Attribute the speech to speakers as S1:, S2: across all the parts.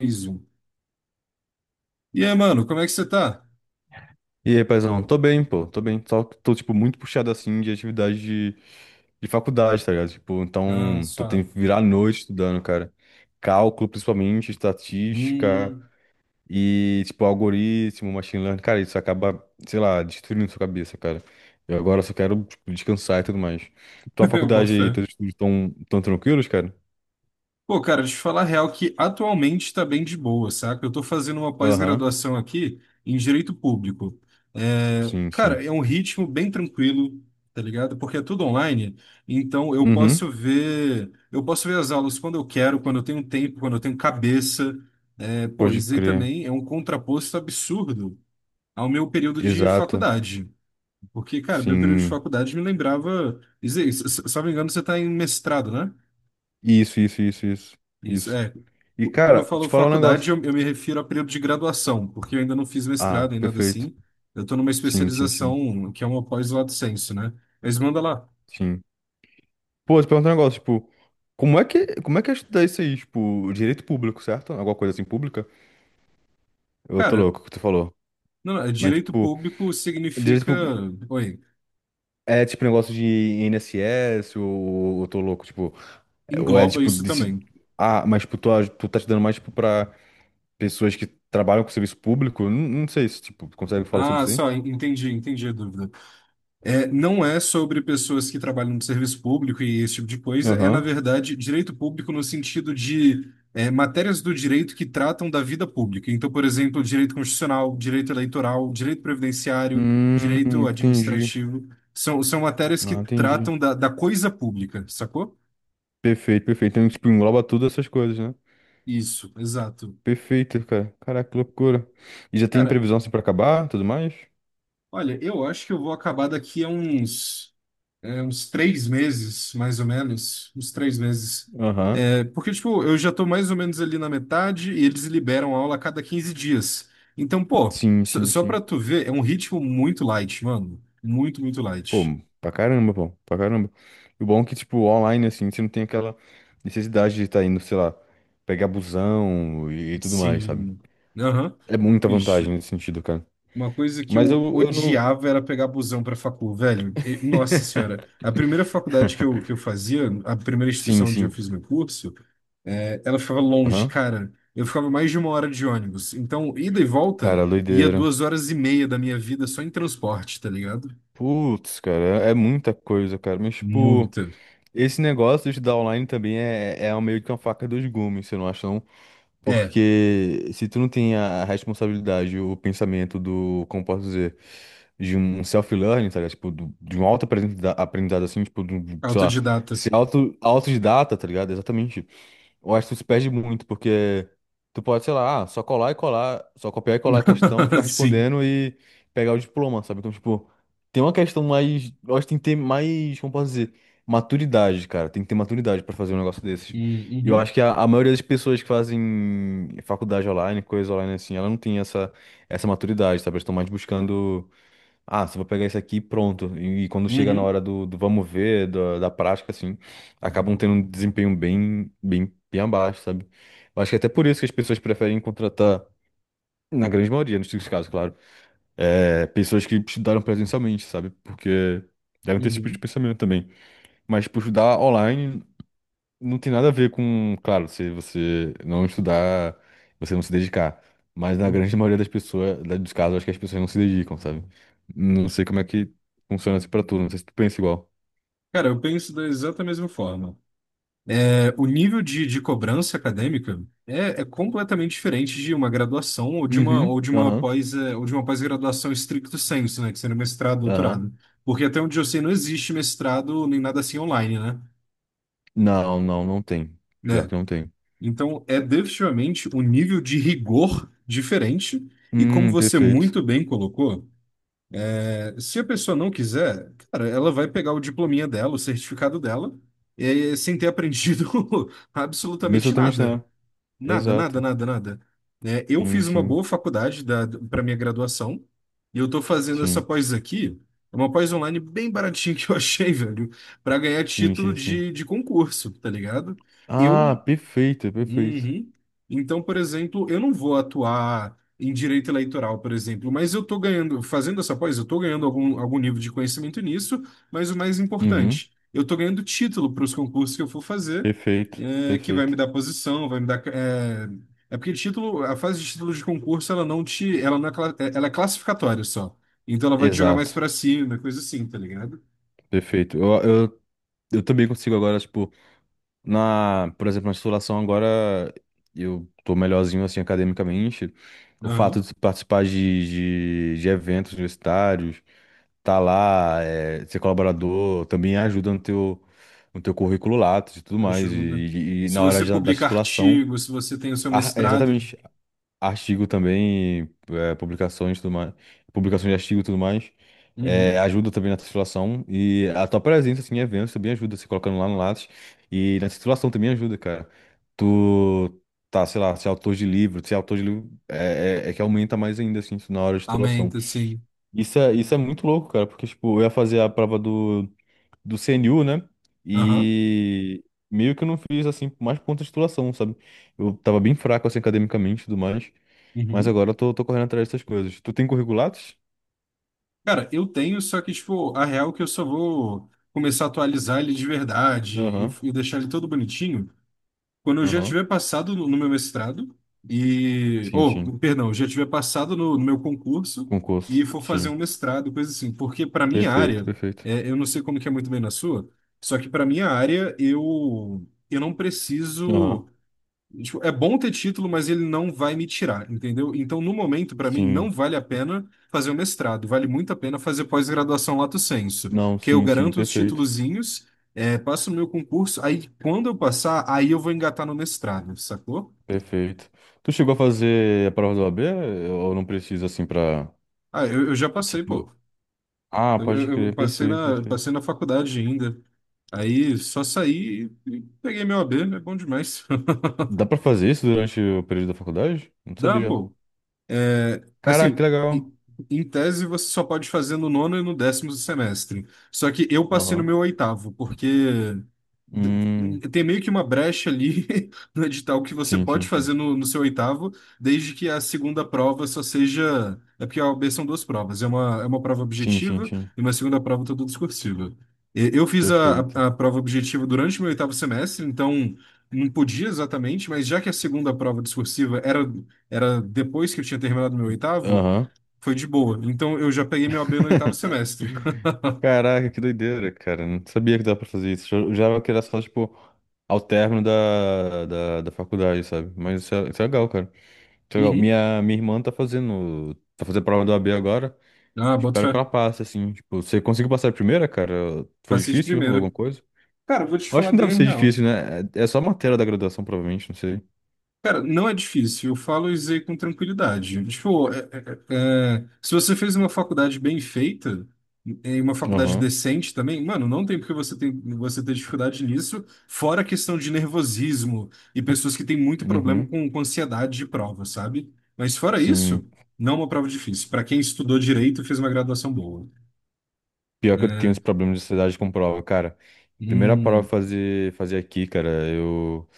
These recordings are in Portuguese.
S1: Mais um. E aí, mano, como é que você tá?
S2: E aí, paizão, tô bem, pô, tô bem. Só que tô, tipo, muito puxado, assim, de atividade de faculdade, tá ligado? Tipo,
S1: Ah,
S2: então, tô
S1: só.
S2: tendo que virar a noite estudando, cara. Cálculo, principalmente, estatística
S1: Hum,
S2: e, tipo, algoritmo, machine learning. Cara, isso acaba, sei lá, destruindo sua cabeça, cara. Eu agora só quero, tipo, descansar e tudo mais. Tua
S1: eu
S2: faculdade
S1: boto
S2: e
S1: fé.
S2: teus estudos tão tranquilos, cara?
S1: Pô, cara, deixa eu falar a real que atualmente tá bem de boa, saca? Eu tô fazendo uma
S2: Aham.
S1: pós-graduação aqui em Direito Público. É,
S2: Sim,
S1: cara,
S2: sim.
S1: é um ritmo bem tranquilo, tá ligado? Porque é tudo online, então
S2: Uhum,
S1: eu posso ver as aulas quando eu quero, quando eu tenho tempo, quando eu tenho cabeça. É, pô,
S2: pode
S1: isso aí
S2: crer.
S1: também é um contraposto absurdo ao meu período de
S2: Exata,
S1: faculdade. Porque, cara, meu período de
S2: sim.
S1: faculdade me lembrava. Isso aí. Se eu não me engano, você está em mestrado, né?
S2: Isso, isso, isso, isso.
S1: Isso,
S2: Isso.
S1: é.
S2: E,
S1: Quando eu
S2: cara,
S1: falo
S2: te falar um
S1: faculdade,
S2: negócio.
S1: eu me refiro a período de graduação, porque eu ainda não fiz
S2: Ah,
S1: mestrado nem nada
S2: perfeito.
S1: assim. Eu estou numa
S2: Sim, sim, sim.
S1: especialização que é uma pós lato sensu, né? Mas manda lá.
S2: Sim. Pô, te perguntar um negócio, tipo, como é que é estudar isso aí? Tipo, direito público, certo? Alguma coisa assim, pública? Eu tô
S1: Cara,
S2: louco que tu falou.
S1: não, é
S2: Mas,
S1: direito
S2: tipo,
S1: público
S2: direito
S1: significa.
S2: público
S1: Oi,
S2: é tipo negócio de INSS ou eu tô louco, tipo, ou é
S1: engloba
S2: tipo.
S1: isso também.
S2: Ah, mas, tipo, tu tá estudando mais, tipo, pra pessoas que trabalham com serviço público? Não, não sei se, tipo, tu consegue falar sobre
S1: Ah,
S2: isso aí?
S1: só, entendi, entendi a dúvida. É, não é sobre pessoas que trabalham no serviço público e esse tipo de coisa, é, na
S2: Aham.
S1: verdade, direito público no sentido de matérias do direito que tratam da vida pública. Então, por exemplo, direito constitucional, direito eleitoral, direito previdenciário, direito
S2: Entendi.
S1: administrativo, são matérias que
S2: Ah, entendi.
S1: tratam da, da coisa pública, sacou?
S2: Perfeito, perfeito. Então, tipo, engloba tudo essas coisas, né?
S1: Isso, exato.
S2: Perfeito, cara. Caraca, que loucura. E já tem
S1: Cara,
S2: previsão assim pra acabar, tudo mais?
S1: olha, eu acho que eu vou acabar daqui a uns, uns três meses, mais ou menos, uns três meses.
S2: Aham.
S1: Porque, tipo, eu já tô mais ou menos ali na metade e eles liberam aula a cada 15 dias. Então, pô,
S2: Sim, sim,
S1: só pra
S2: sim.
S1: tu ver, é um ritmo muito light, mano. Muito, muito
S2: Pô,
S1: light.
S2: pra caramba, pô. Pra caramba. E o bom é que, tipo, online, assim, você não tem aquela necessidade de estar indo, sei lá, pegar busão e tudo mais, sabe?
S1: Sim. Aham.
S2: É muita vantagem
S1: Bicho.
S2: nesse sentido, cara.
S1: Uma coisa que
S2: Mas
S1: eu
S2: eu não.
S1: odiava era pegar busão pra facul, velho. Nossa senhora, a primeira faculdade que eu fazia, a primeira
S2: Sim,
S1: instituição onde eu
S2: sim.
S1: fiz meu curso, ela ficava longe,
S2: Aham.
S1: cara. Eu ficava mais de uma hora de ônibus. Então, ida e volta,
S2: Cara,
S1: ia
S2: doideira.
S1: duas horas e meia da minha vida só em transporte, tá ligado?
S2: Putz, cara, é muita coisa, cara. Mas, tipo.
S1: Muita.
S2: Esse negócio de estudar online também é um meio que uma faca dos gumes, você não acha não?
S1: É,
S2: Porque se tu não tem a responsabilidade, o pensamento do, como posso dizer, de um self-learning, tá ligado? Tipo, de um auto-aprendizado assim, tipo, do, sei lá,
S1: autodidata.
S2: ser autodidata, tá ligado? Exatamente. Eu acho que tu se perde muito, porque tu pode, sei lá, ah, só copiar e colar a questão e ficar
S1: Sim.
S2: respondendo e pegar o diploma, sabe? Então, tipo, tem uma questão mais. Eu acho que tem que ter mais, como posso dizer, maturidade, cara. Tem que ter maturidade pra fazer um negócio desses.
S1: Hum,
S2: E eu
S1: Uhum,
S2: acho que a maioria das pessoas que fazem faculdade online, coisa online assim, ela não tem essa maturidade, sabe? Elas estão mais buscando. Ah, se vou pegar isso aqui, e pronto. E quando chega na
S1: uhum,
S2: hora do vamos ver, da prática, assim, acabam tendo um desempenho bem, bem, bem abaixo, sabe? Eu acho que é até por isso que as pessoas preferem contratar, na grande maioria, nos seus casos, claro, é, pessoas que estudaram presencialmente, sabe? Porque devem ter esse tipo de
S1: uhum,
S2: pensamento também. Mas, por estudar online, não tem nada a ver com, claro, se você não estudar, você não se dedicar. Mas na
S1: uhum.
S2: grande maioria das pessoas, dos casos, acho que as pessoas não se dedicam, sabe? Não sei como é que funciona isso pra tu, não sei se tu pensa igual.
S1: Cara, eu penso da exata mesma forma. O nível de cobrança acadêmica é completamente diferente de uma graduação
S2: Uhum,
S1: ou de uma
S2: aham,
S1: pós ou de uma pós-graduação stricto sensu, né, que seria mestrado,
S2: aham.
S1: doutorado. Porque até onde eu sei não existe mestrado nem nada assim online, né?
S2: Não, não, não tem. Pior
S1: Né?
S2: que não tem.
S1: Então é definitivamente um nível de rigor diferente e como você
S2: Perfeito.
S1: muito bem colocou, se a pessoa não quiser, cara, ela vai pegar o diplominha dela, o certificado dela, sem ter aprendido absolutamente
S2: Absolutamente
S1: nada.
S2: não.
S1: Nada, nada,
S2: Exato.
S1: nada, nada. Né, eu
S2: Sim,
S1: fiz uma
S2: sim,
S1: boa faculdade para minha graduação e eu tô fazendo essa
S2: sim.
S1: pós aqui. É uma pós online bem baratinha que eu achei, velho, para ganhar
S2: Sim,
S1: título
S2: sim, sim.
S1: de concurso, tá ligado?
S2: Ah,
S1: Eu
S2: perfeito, perfeito.
S1: Uhum. Então, por exemplo, eu não vou atuar em direito eleitoral, por exemplo, mas eu estou ganhando, fazendo essa pós, eu estou ganhando algum, algum nível de conhecimento nisso, mas o mais
S2: Uhum,
S1: importante, eu estou ganhando título para os concursos que eu for fazer,
S2: perfeito,
S1: que vai
S2: perfeito.
S1: me dar posição, vai me dar. É, é porque título, a fase de título de concurso, ela não te, ela não é, ela é classificatória só. Então ela vai te jogar mais
S2: Exato,
S1: para cima, coisa assim, tá ligado?
S2: perfeito. Eu também consigo agora, tipo. Por exemplo, na titulação agora eu tô melhorzinho assim academicamente. O fato
S1: Não,
S2: de participar de eventos universitários, tá lá, é, ser colaborador, também ajuda no teu, currículo Lattes e tudo mais. E,
S1: ajuda.
S2: e- e
S1: Se
S2: na hora
S1: você
S2: da
S1: publica
S2: titulação,
S1: artigo, se você tem o seu mestrado.
S2: exatamente, artigo também, é, publicações, tudo mais, publicações de artigo e tudo mais,
S1: Uhum.
S2: é, ajuda também na titulação e a tua presença assim, em eventos também ajuda, se colocando lá no Lattes e na titulação também ajuda, cara. Tu tá, sei lá, ser autor de livro, ser autor de livro é, é que aumenta mais ainda, assim, na hora de titulação.
S1: Aumenta, sim.
S2: Isso é muito louco, cara, porque, tipo, eu ia fazer a prova do CNU, né,
S1: Aham.
S2: e meio que eu não fiz, assim, mais por conta de titulação, sabe? Eu tava bem fraco, assim, academicamente e tudo mais. Mas
S1: Uhum.
S2: agora eu tô correndo atrás dessas coisas. Tu tem curriculatos?
S1: Cara, eu tenho, só que, tipo, a real é que eu só vou começar a atualizar ele de verdade
S2: Aham,
S1: e deixar ele todo bonitinho quando eu já
S2: aham.
S1: tiver passado no, no meu mestrado e...
S2: Sim,
S1: Oh,
S2: sim.
S1: perdão, já tiver passado no, no meu concurso
S2: Concurso,
S1: e for fazer um
S2: sim.
S1: mestrado, coisa assim. Porque para minha
S2: Perfeito,
S1: área,
S2: perfeito.
S1: eu não sei como que é muito bem na sua, só que para minha área eu não preciso...
S2: Aham,
S1: Tipo, é bom ter título, mas ele não vai me tirar, entendeu? Então, no momento, para mim, não
S2: sim.
S1: vale a pena fazer o mestrado. Vale muito a pena fazer pós-graduação lato sensu,
S2: Não,
S1: que eu
S2: sim, sim,
S1: garanto os
S2: perfeito.
S1: titulozinhos, passo o meu concurso, aí quando eu passar, aí eu vou engatar no mestrado, sacou?
S2: Perfeito. Tu chegou a fazer a prova do OAB ou não precisa assim pra.
S1: Ah, eu já passei,
S2: Tipo.
S1: pô.
S2: Ah,
S1: Eu,
S2: pode
S1: eu- eu
S2: crer,
S1: passei
S2: perfeito,
S1: na, eu passei
S2: perfeito.
S1: na faculdade ainda. Aí só saí e peguei meu AB, é bom demais.
S2: Dá pra fazer isso durante o período da faculdade? Não
S1: Dá,
S2: sabia.
S1: pô. É,
S2: Caraca, que
S1: assim,
S2: legal.
S1: em tese você só pode fazer no nono e no décimo semestre. Só que eu passei no
S2: Aham.
S1: meu oitavo, porque d-
S2: Hum.
S1: tem meio que uma brecha ali no edital que você
S2: Sim,
S1: pode
S2: sim, sim.
S1: fazer no, no seu oitavo, desde que a segunda prova só seja. É porque a OAB são duas provas, é uma prova
S2: Sim, sim,
S1: objetiva
S2: sim.
S1: e uma segunda prova toda discursiva. Eu fiz a,
S2: Perfeito.
S1: a prova objetiva durante o meu oitavo semestre, então não podia exatamente, mas já que a segunda prova discursiva era depois que eu tinha terminado meu oitavo,
S2: Aham.
S1: foi de boa. Então eu já peguei meu AB no oitavo semestre.
S2: Caraca, que doideira, cara. Não sabia que dava pra fazer isso. Eu já que era só, tipo, ao término da faculdade, sabe? Mas isso é legal, cara. Isso é legal.
S1: Uhum.
S2: Minha irmã tá fazendo. Tá fazendo a prova do AB agora.
S1: Ah, boto
S2: Espero que ela
S1: fé.
S2: passe, assim. Tipo, você conseguiu passar a primeira, cara? Foi
S1: Passei de
S2: difícil ou
S1: primeira.
S2: alguma coisa?
S1: Cara, eu vou te
S2: Eu acho
S1: falar
S2: que não deve
S1: bem a
S2: ser
S1: real.
S2: difícil, né? É só matéria da graduação, provavelmente, não sei.
S1: Cara, não é difícil, eu falo isso aí com tranquilidade. Tipo, é, se você fez uma faculdade bem feita, e uma faculdade
S2: Aham.
S1: decente também, mano, não tem porque você tem, você ter dificuldade nisso, fora a questão de nervosismo e pessoas que têm muito problema
S2: Uhum.
S1: com ansiedade de prova, sabe? Mas fora isso,
S2: Sim,
S1: não é uma prova difícil. Pra quem estudou direito, e fez uma graduação boa.
S2: pior que eu tenho
S1: Né?
S2: esse problema de ansiedade com prova, cara. Primeira prova que
S1: Hum,
S2: eu fazer aqui, cara, eu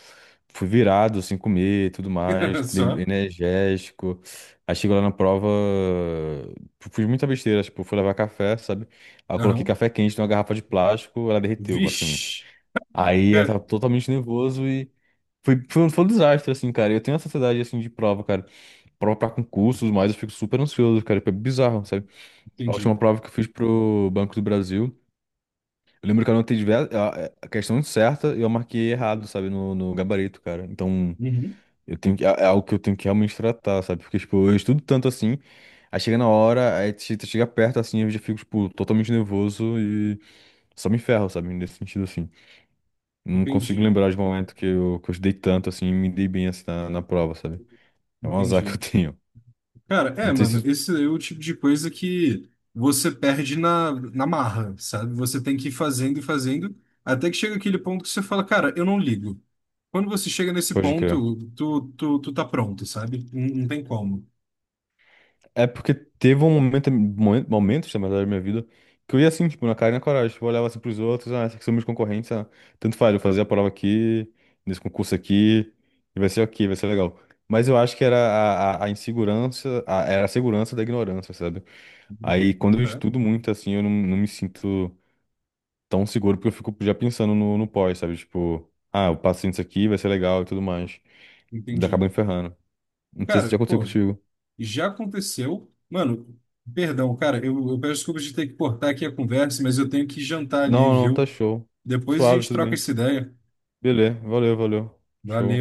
S2: fui virado, sem comer, e tudo mais, meio
S1: só?
S2: energético. Aí chegou lá na prova, eu fiz muita besteira, tipo, fui levar café, sabe? Aí eu coloquei
S1: Aham.
S2: café quente numa garrafa de plástico, ela derreteu, basicamente.
S1: Vixe.
S2: Aí eu
S1: Cara,
S2: tava totalmente nervoso e foi um desastre, assim, cara. Eu tenho essa ansiedade, assim, de prova, cara. Prova pra concursos, mas eu fico super ansioso, cara. Foi bizarro, sabe? A
S1: entendi.
S2: última prova que eu fiz pro Banco do Brasil. Eu lembro que eu anotei diversas, a questão certa e eu marquei errado, sabe, no gabarito, cara. Então,
S1: Uhum.
S2: eu tenho que, é algo que eu tenho que realmente tratar, sabe? Porque, tipo, eu estudo tanto assim, aí chega na hora, aí chega perto assim, eu já fico, tipo, totalmente nervoso e só me ferro, sabe? Nesse sentido, assim. Não consigo
S1: Entendi,
S2: lembrar de momento que eu, estudei tanto assim e me dei bem assim na prova, sabe? É um azar que
S1: entendi.
S2: eu tenho.
S1: Cara, é,
S2: Não sei
S1: mano,
S2: se
S1: esse é o tipo de coisa que você perde na, na marra, sabe? Você tem que ir fazendo e fazendo, até que chega aquele ponto que você fala, cara, eu não ligo. Quando você chega nesse
S2: pode crer.
S1: ponto, tu tá pronto, sabe? Não, não tem como.
S2: É porque teve um momento, momentos, na verdade, da minha vida, que eu ia assim, tipo, na cara e na coragem. Tipo, eu olhava assim pros outros, ah, esses aqui são meus concorrentes, ah, tanto faz, eu fazia a prova aqui, nesse concurso aqui, e vai ser ok, vai ser legal. Mas eu acho que era a insegurança, era a segurança da ignorância, sabe? Aí
S1: Boto
S2: quando eu
S1: fé.
S2: estudo muito, assim, eu não me sinto tão seguro, porque eu fico já pensando no pós, sabe? Tipo, ah, eu passei nisso aqui, vai ser legal e tudo mais. E acaba
S1: Entendi.
S2: me ferrando. Não sei se já
S1: Cara,
S2: aconteceu
S1: pô,
S2: contigo.
S1: já aconteceu. Mano, perdão, cara, eu peço desculpas de ter que cortar aqui a conversa, mas eu tenho que jantar ali,
S2: Não, não, tá
S1: viu?
S2: show.
S1: Depois a
S2: Suave,
S1: gente
S2: tudo
S1: troca
S2: bem.
S1: essa ideia.
S2: Beleza, valeu, valeu.
S1: Valeu.
S2: Show.